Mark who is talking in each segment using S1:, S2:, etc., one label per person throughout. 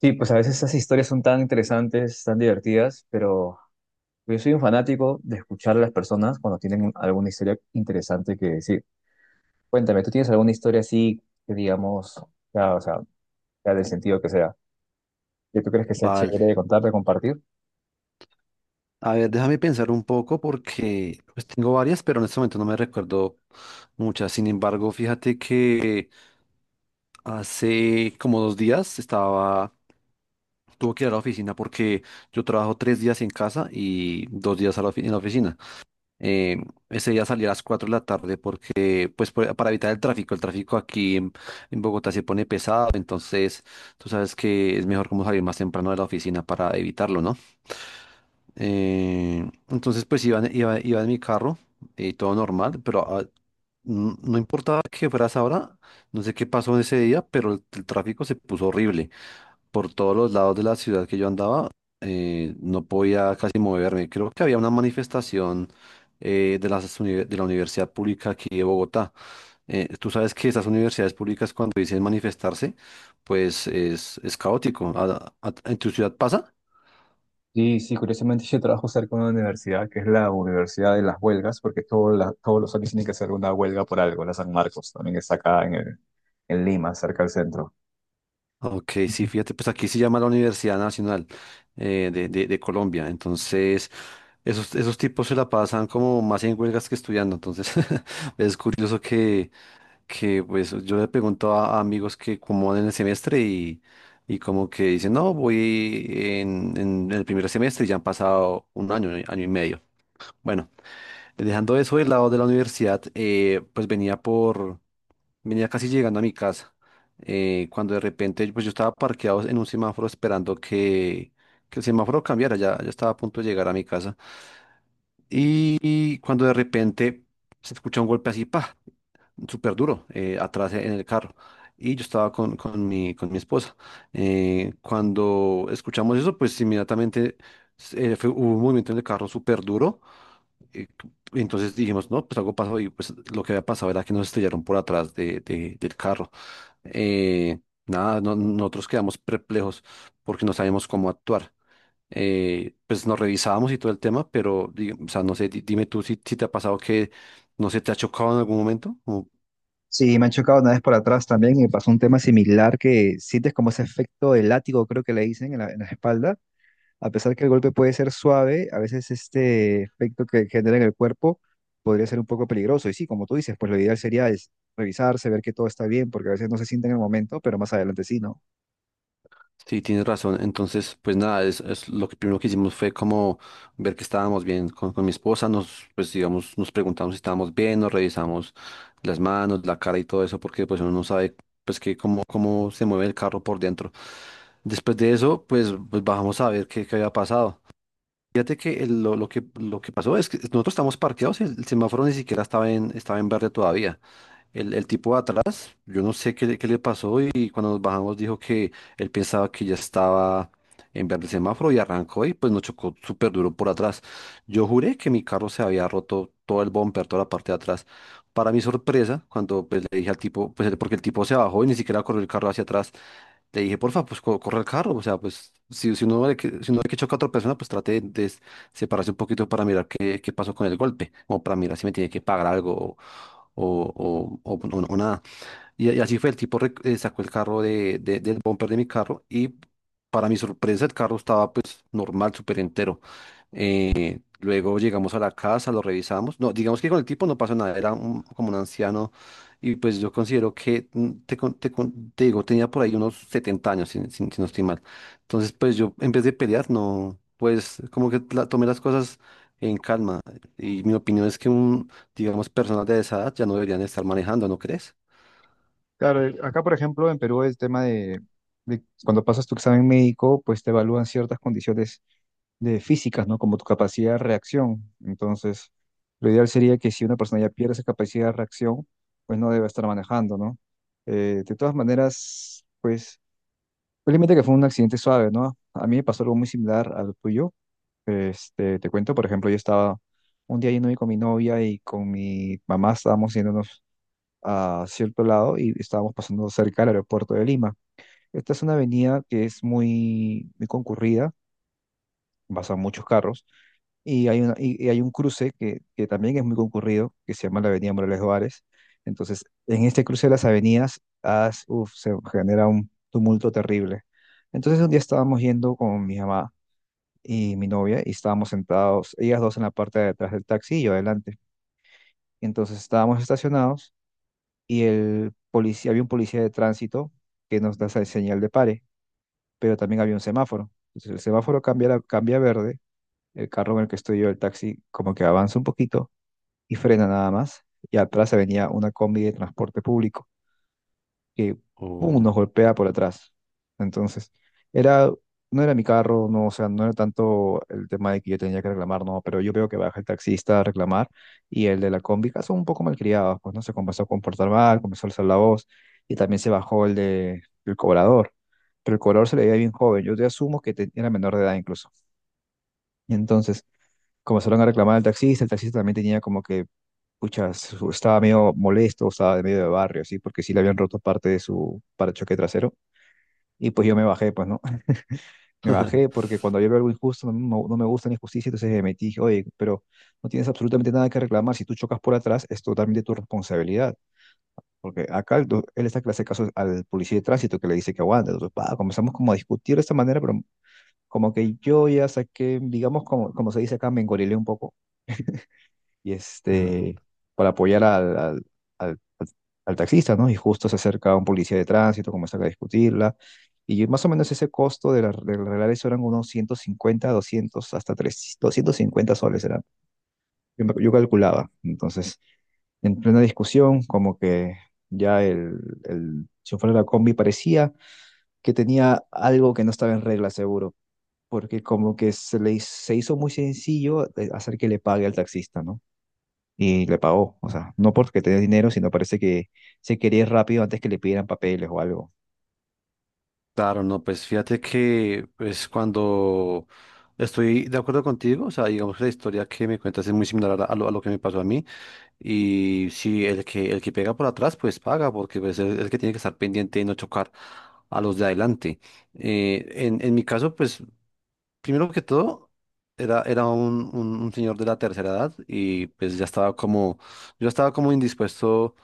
S1: Sí, pues a veces esas historias son tan interesantes, tan divertidas, pero yo soy un fanático de escuchar a las personas cuando tienen alguna historia interesante que decir. Cuéntame, ¿tú tienes alguna historia así que digamos, ya, o sea, ya del sentido que sea, que tú crees que sea
S2: Vale.
S1: chévere de contar, de compartir?
S2: A ver, déjame pensar un poco porque pues, tengo varias, pero en este momento no me recuerdo muchas. Sin embargo, fíjate que hace como 2 días estaba, tuve que ir a la oficina porque yo trabajo 3 días en casa y 2 días en la oficina. Eh, ese día salí a las 4 de la tarde porque, pues, para evitar el tráfico. El tráfico aquí en Bogotá se pone pesado, entonces tú sabes que es mejor como salir más temprano de la oficina para evitarlo, ¿no? Entonces, pues iba en mi carro y todo normal, pero no importaba que fueras ahora, no sé qué pasó en ese día, pero el tráfico se puso horrible. Por todos los lados de la ciudad que yo andaba, no podía casi moverme. Creo que había una manifestación de de la Universidad Pública aquí de Bogotá. Tú sabes que esas universidades públicas cuando dicen manifestarse, pues es caótico. ¿En tu ciudad pasa?
S1: Sí, sí, curiosamente yo trabajo cerca de una universidad que es la Universidad de las Huelgas, porque todos los años tienen que hacer una huelga por algo, la San Marcos, también está acá en Lima, cerca del centro.
S2: Ok, sí, fíjate, pues aquí se llama la Universidad Nacional de Colombia. Entonces, esos tipos se la pasan como más en huelgas que estudiando. Entonces, es curioso que pues yo le pregunto a amigos que cómo van en el semestre y como que dicen, no, voy en el primer semestre y ya han pasado un año, año y medio. Bueno, dejando eso del lado de la universidad, pues Venía casi llegando a mi casa, cuando de repente pues yo estaba parqueado en un semáforo esperando que el semáforo cambiara, ya, ya estaba a punto de llegar a mi casa. Y cuando de repente se escucha un golpe así, pa, súper duro, atrás en el carro. Y yo estaba con mi esposa. Cuando escuchamos eso, pues inmediatamente, hubo un movimiento en el carro súper duro. eh, Entonces dijimos, no, pues algo pasó y pues lo que había pasado era que nos estrellaron por atrás del carro. eh, Nada, nosotros quedamos perplejos porque no sabíamos cómo actuar. Pues nos revisábamos y todo el tema, pero, o sea, no sé, dime tú si te ha pasado que, no sé, te ha chocado en algún momento.
S1: Sí, me han chocado una vez por atrás también y me pasó un tema similar que sientes como ese efecto de látigo, creo que le dicen en la espalda. A pesar que el golpe puede ser suave, a veces este efecto que genera en el cuerpo podría ser un poco peligroso. Y sí, como tú dices, pues lo ideal sería es revisarse, ver que todo está bien, porque a veces no se siente en el momento, pero más adelante sí, ¿no?
S2: Sí, tienes razón. Entonces, pues nada, es lo que primero que hicimos fue como ver que estábamos bien con mi esposa, pues digamos, nos preguntamos si estábamos bien, nos revisamos las manos, la cara y todo eso, porque pues uno no sabe pues que cómo se mueve el carro por dentro. Después de eso, pues, bajamos a ver qué había pasado. Fíjate que lo que pasó es que nosotros estamos parqueados y el semáforo ni siquiera estaba en verde todavía. El tipo de atrás, yo no sé qué, qué le pasó y cuando nos bajamos dijo que él pensaba que ya estaba en verde el semáforo y arrancó y pues nos chocó súper duro por atrás. Yo juré que mi carro se había roto todo el bumper, toda la parte de atrás. Para mi sorpresa, cuando pues, le dije al tipo, pues porque el tipo se bajó y ni siquiera corrió el carro hacia atrás, le dije, porfa, pues corre el carro. O sea, pues si uno ve que choca a otra persona, pues trate de separarse un poquito para mirar qué pasó con el golpe. O para mirar si me tiene que pagar algo o nada. Y así fue, el tipo sacó el carro del bumper de mi carro y para mi sorpresa el carro estaba pues normal, súper entero. Luego llegamos a la casa, lo revisamos. No, digamos que con el tipo no pasó nada, era como un anciano y pues yo considero que, te digo, tenía por ahí unos 70 años, si no estoy mal. Entonces, pues yo en vez de pelear, no, pues como que tomé las cosas en calma y mi opinión es que digamos, personas de esa edad ya no deberían estar manejando, ¿no crees?
S1: Claro, acá por ejemplo en Perú el tema de cuando pasas tu examen médico, pues te evalúan ciertas condiciones de físicas, ¿no? Como tu capacidad de reacción. Entonces, lo ideal sería que si una persona ya pierde esa capacidad de reacción, pues no debe estar manejando, ¿no? De todas maneras, pues, felizmente que fue un accidente suave, ¿no? A mí me pasó algo muy similar al tuyo. Este, te cuento, por ejemplo, yo estaba un día yendo con mi novia y con mi mamá estábamos yéndonos a cierto lado y estábamos pasando cerca del aeropuerto de Lima. Esta es una avenida que es muy concurrida, en Bazaros. Y hay, y hay un cruce que también es muy concurrido, que se llama la Avenida Morales Juárez. Entonces, en este cruce de las avenidas, se genera un tumulto terrible. Entonces, un día estábamos yendo con mi mamá y mi novia, y estábamos sentados, ellas dos en la parte de atrás del taxi y yo adelante. Y entramos, y el policía, había un policía que nos da esa señal de pare, pero también había un semáforo. Entonces, el semáforo cambia, cambia a verde, el carro, estoy yo, el taxi como que avanza un poquito y frenamos, y ya de transporte público, que ¡pum!,
S2: O...
S1: nos golpea por atrás. Entonces, era, no era mi carro, no, o sea, no era tanto el tema de que yo tenía que reclamar, no, pero yo veo que va el taxista a reclamar y el de la combi que son un poco malcriados, pues no se comenzó a comportar mal, comenzó a alzar la voz y también se bajó el de, el cobrador, pero el cobrador se le veía bien joven, yo te asumo que era menor de edad incluso. Y entonces, comenzaron a reclamar al taxista, el taxista también tenía como que, pucha, estaba medio molesto, estaba de medio de barrio, así, porque sí le habían roto parte de su parachoque trasero. Y pues yo me bajé, pues, ¿no? Me bajé porque cuando yo veo algo injusto, no, no me gusta la injusticia, entonces me metí, dije, oye, pero no tienes absolutamente nada que reclamar, si tú chocas por atrás, es totalmente tu responsabilidad. Porque acá él está que le hace caso al policía de tránsito que le dice que aguante. Entonces, pa, comenzamos como a discutir de esta manera, pero como que yo ya saqué, digamos, como, como se dice acá, me engorilé un poco. Y este, para apoyar al- al- al taxista, ¿no? Y justo se acerca un policía de tránsito, comienza a discutirla, y más o menos ese costo de arreglar eso eran unos 150, 200 hasta tres 250 soles era, yo, yo calculaba. Entonces, en plena discusión, como que ya el chofer de la combi parecía que tenía algo que no estaba en regla, seguro. Porque como que se hizo muy sencillo hacer que le pague al taxista, ¿no? Y le pagó. O sea, no porque tenía dinero, sino parece que se quería ir rápido antes que le pidieran papeles o algo.
S2: Claro, no, pues fíjate que pues cuando estoy de acuerdo contigo, o sea, digamos que la historia que me cuentas es muy similar a lo que me pasó a mí y si el que pega por atrás pues paga porque pues es el que tiene que estar pendiente y no chocar a los de adelante. En mi caso, pues primero que todo, era un señor de la tercera edad y pues yo estaba como indispuesto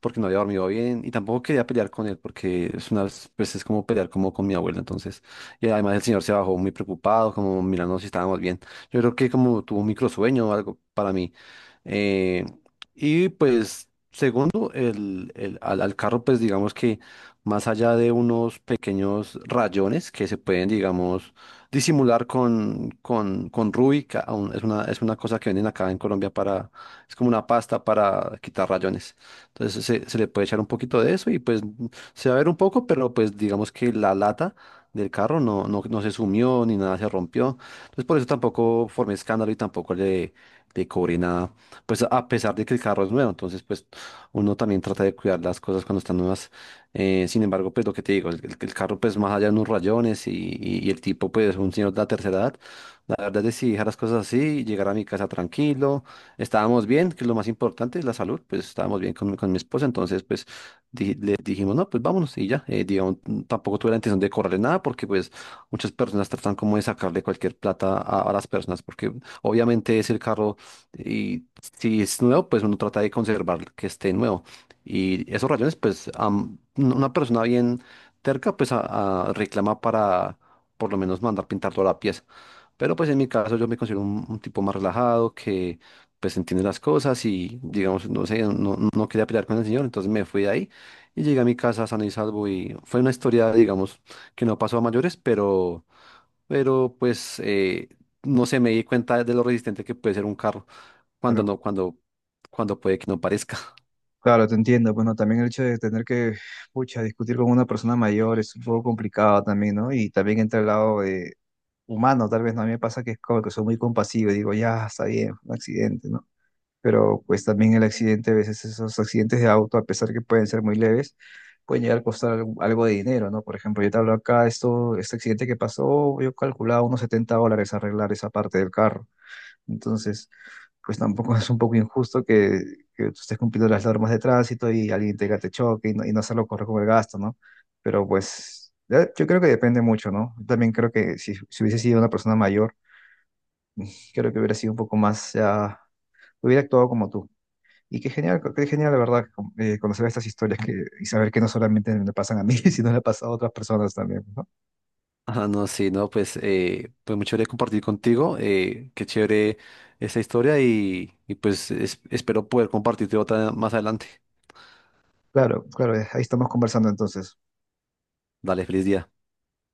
S2: porque no había dormido bien y tampoco quería pelear con él porque es una pues es como pelear como con mi abuela. Entonces, y además el señor se bajó muy preocupado, como mirando si estábamos bien. Yo creo que como tuvo un microsueño o algo para mí. Eh, y pues, segundo, al carro, pues digamos que más allá de unos pequeños rayones que se pueden, digamos, disimular con Ruby, que aún es una cosa que venden acá en Colombia para, es como una pasta para quitar rayones. Entonces se le puede echar un poquito de eso y pues se va a ver un poco, pero pues digamos que la lata del carro no se sumió ni nada se rompió. Entonces por eso tampoco formé escándalo y tampoco le cobré nada, pues a pesar de que el carro es nuevo. Entonces pues uno también trata de cuidar las cosas cuando están nuevas. Sin embargo, pues lo que te digo, el carro pues más allá de unos rayones, y el tipo pues un señor de la tercera edad, la verdad es que si dejar las cosas así, llegar a mi casa tranquilo, estábamos bien, que es lo más importante, la salud, pues estábamos bien con mi esposa, entonces pues le dijimos, no, pues vámonos y ya, digamos, tampoco tuve la intención de correrle nada porque pues muchas personas tratan como de sacarle cualquier plata a las personas porque obviamente es el carro y si es nuevo, pues uno trata de conservar que esté nuevo. Y esos rayones, pues, una persona bien terca, pues, reclama para por lo menos mandar pintar toda la pieza. Pero, pues, en mi caso, yo me considero un tipo más relajado, que, pues, entiende las cosas y, digamos, no sé, no quería pelear con el señor, entonces me fui de ahí y llegué a mi casa sano y salvo y fue una historia, digamos, que no pasó a mayores, pero, pues, no sé, me di cuenta de lo resistente que puede ser un carro cuando
S1: Claro,
S2: no, cuando, cuando puede que no parezca.
S1: claro, te entiendo. Bueno, también el hecho de tener que, pucha, discutir con una persona mayor es un poco complicado también, ¿no? Y también entra el lado de humano, tal vez, ¿no? A mí me pasa que es como que soy muy compasivo y digo, ya, está bien, fue un accidente, ¿no? Pero pues también el accidente, a veces esos accidentes de auto, a pesar que pueden ser muy leves, pueden llegar a costar algo de dinero, ¿no? Por ejemplo, yo te hablo acá, esto, este accidente que pasó, yo calculaba unos $70 arreglar esa parte del carro. Entonces, pues tampoco es un poco injusto que tú estés cumpliendo las normas de tránsito y alguien te choque y no hacerlo correr con el gasto, ¿no? Pero pues... yo creo que depende mucho, ¿no? Yo también creo que si hubiese sido una persona mayor, creo que hubiera sido un poco más, ya, hubiera actuado como tú. Y qué genial, la verdad, conocer estas historias que, y saber que no solamente me pasan a mí, sino le pasa a otras personas también, ¿no?
S2: Ah, no, sí, no, pues, pues muy chévere compartir contigo, qué chévere esta historia y pues espero poder compartirte otra más adelante.
S1: Claro, claro, ahí estamos conversando entonces.
S2: Dale, feliz día.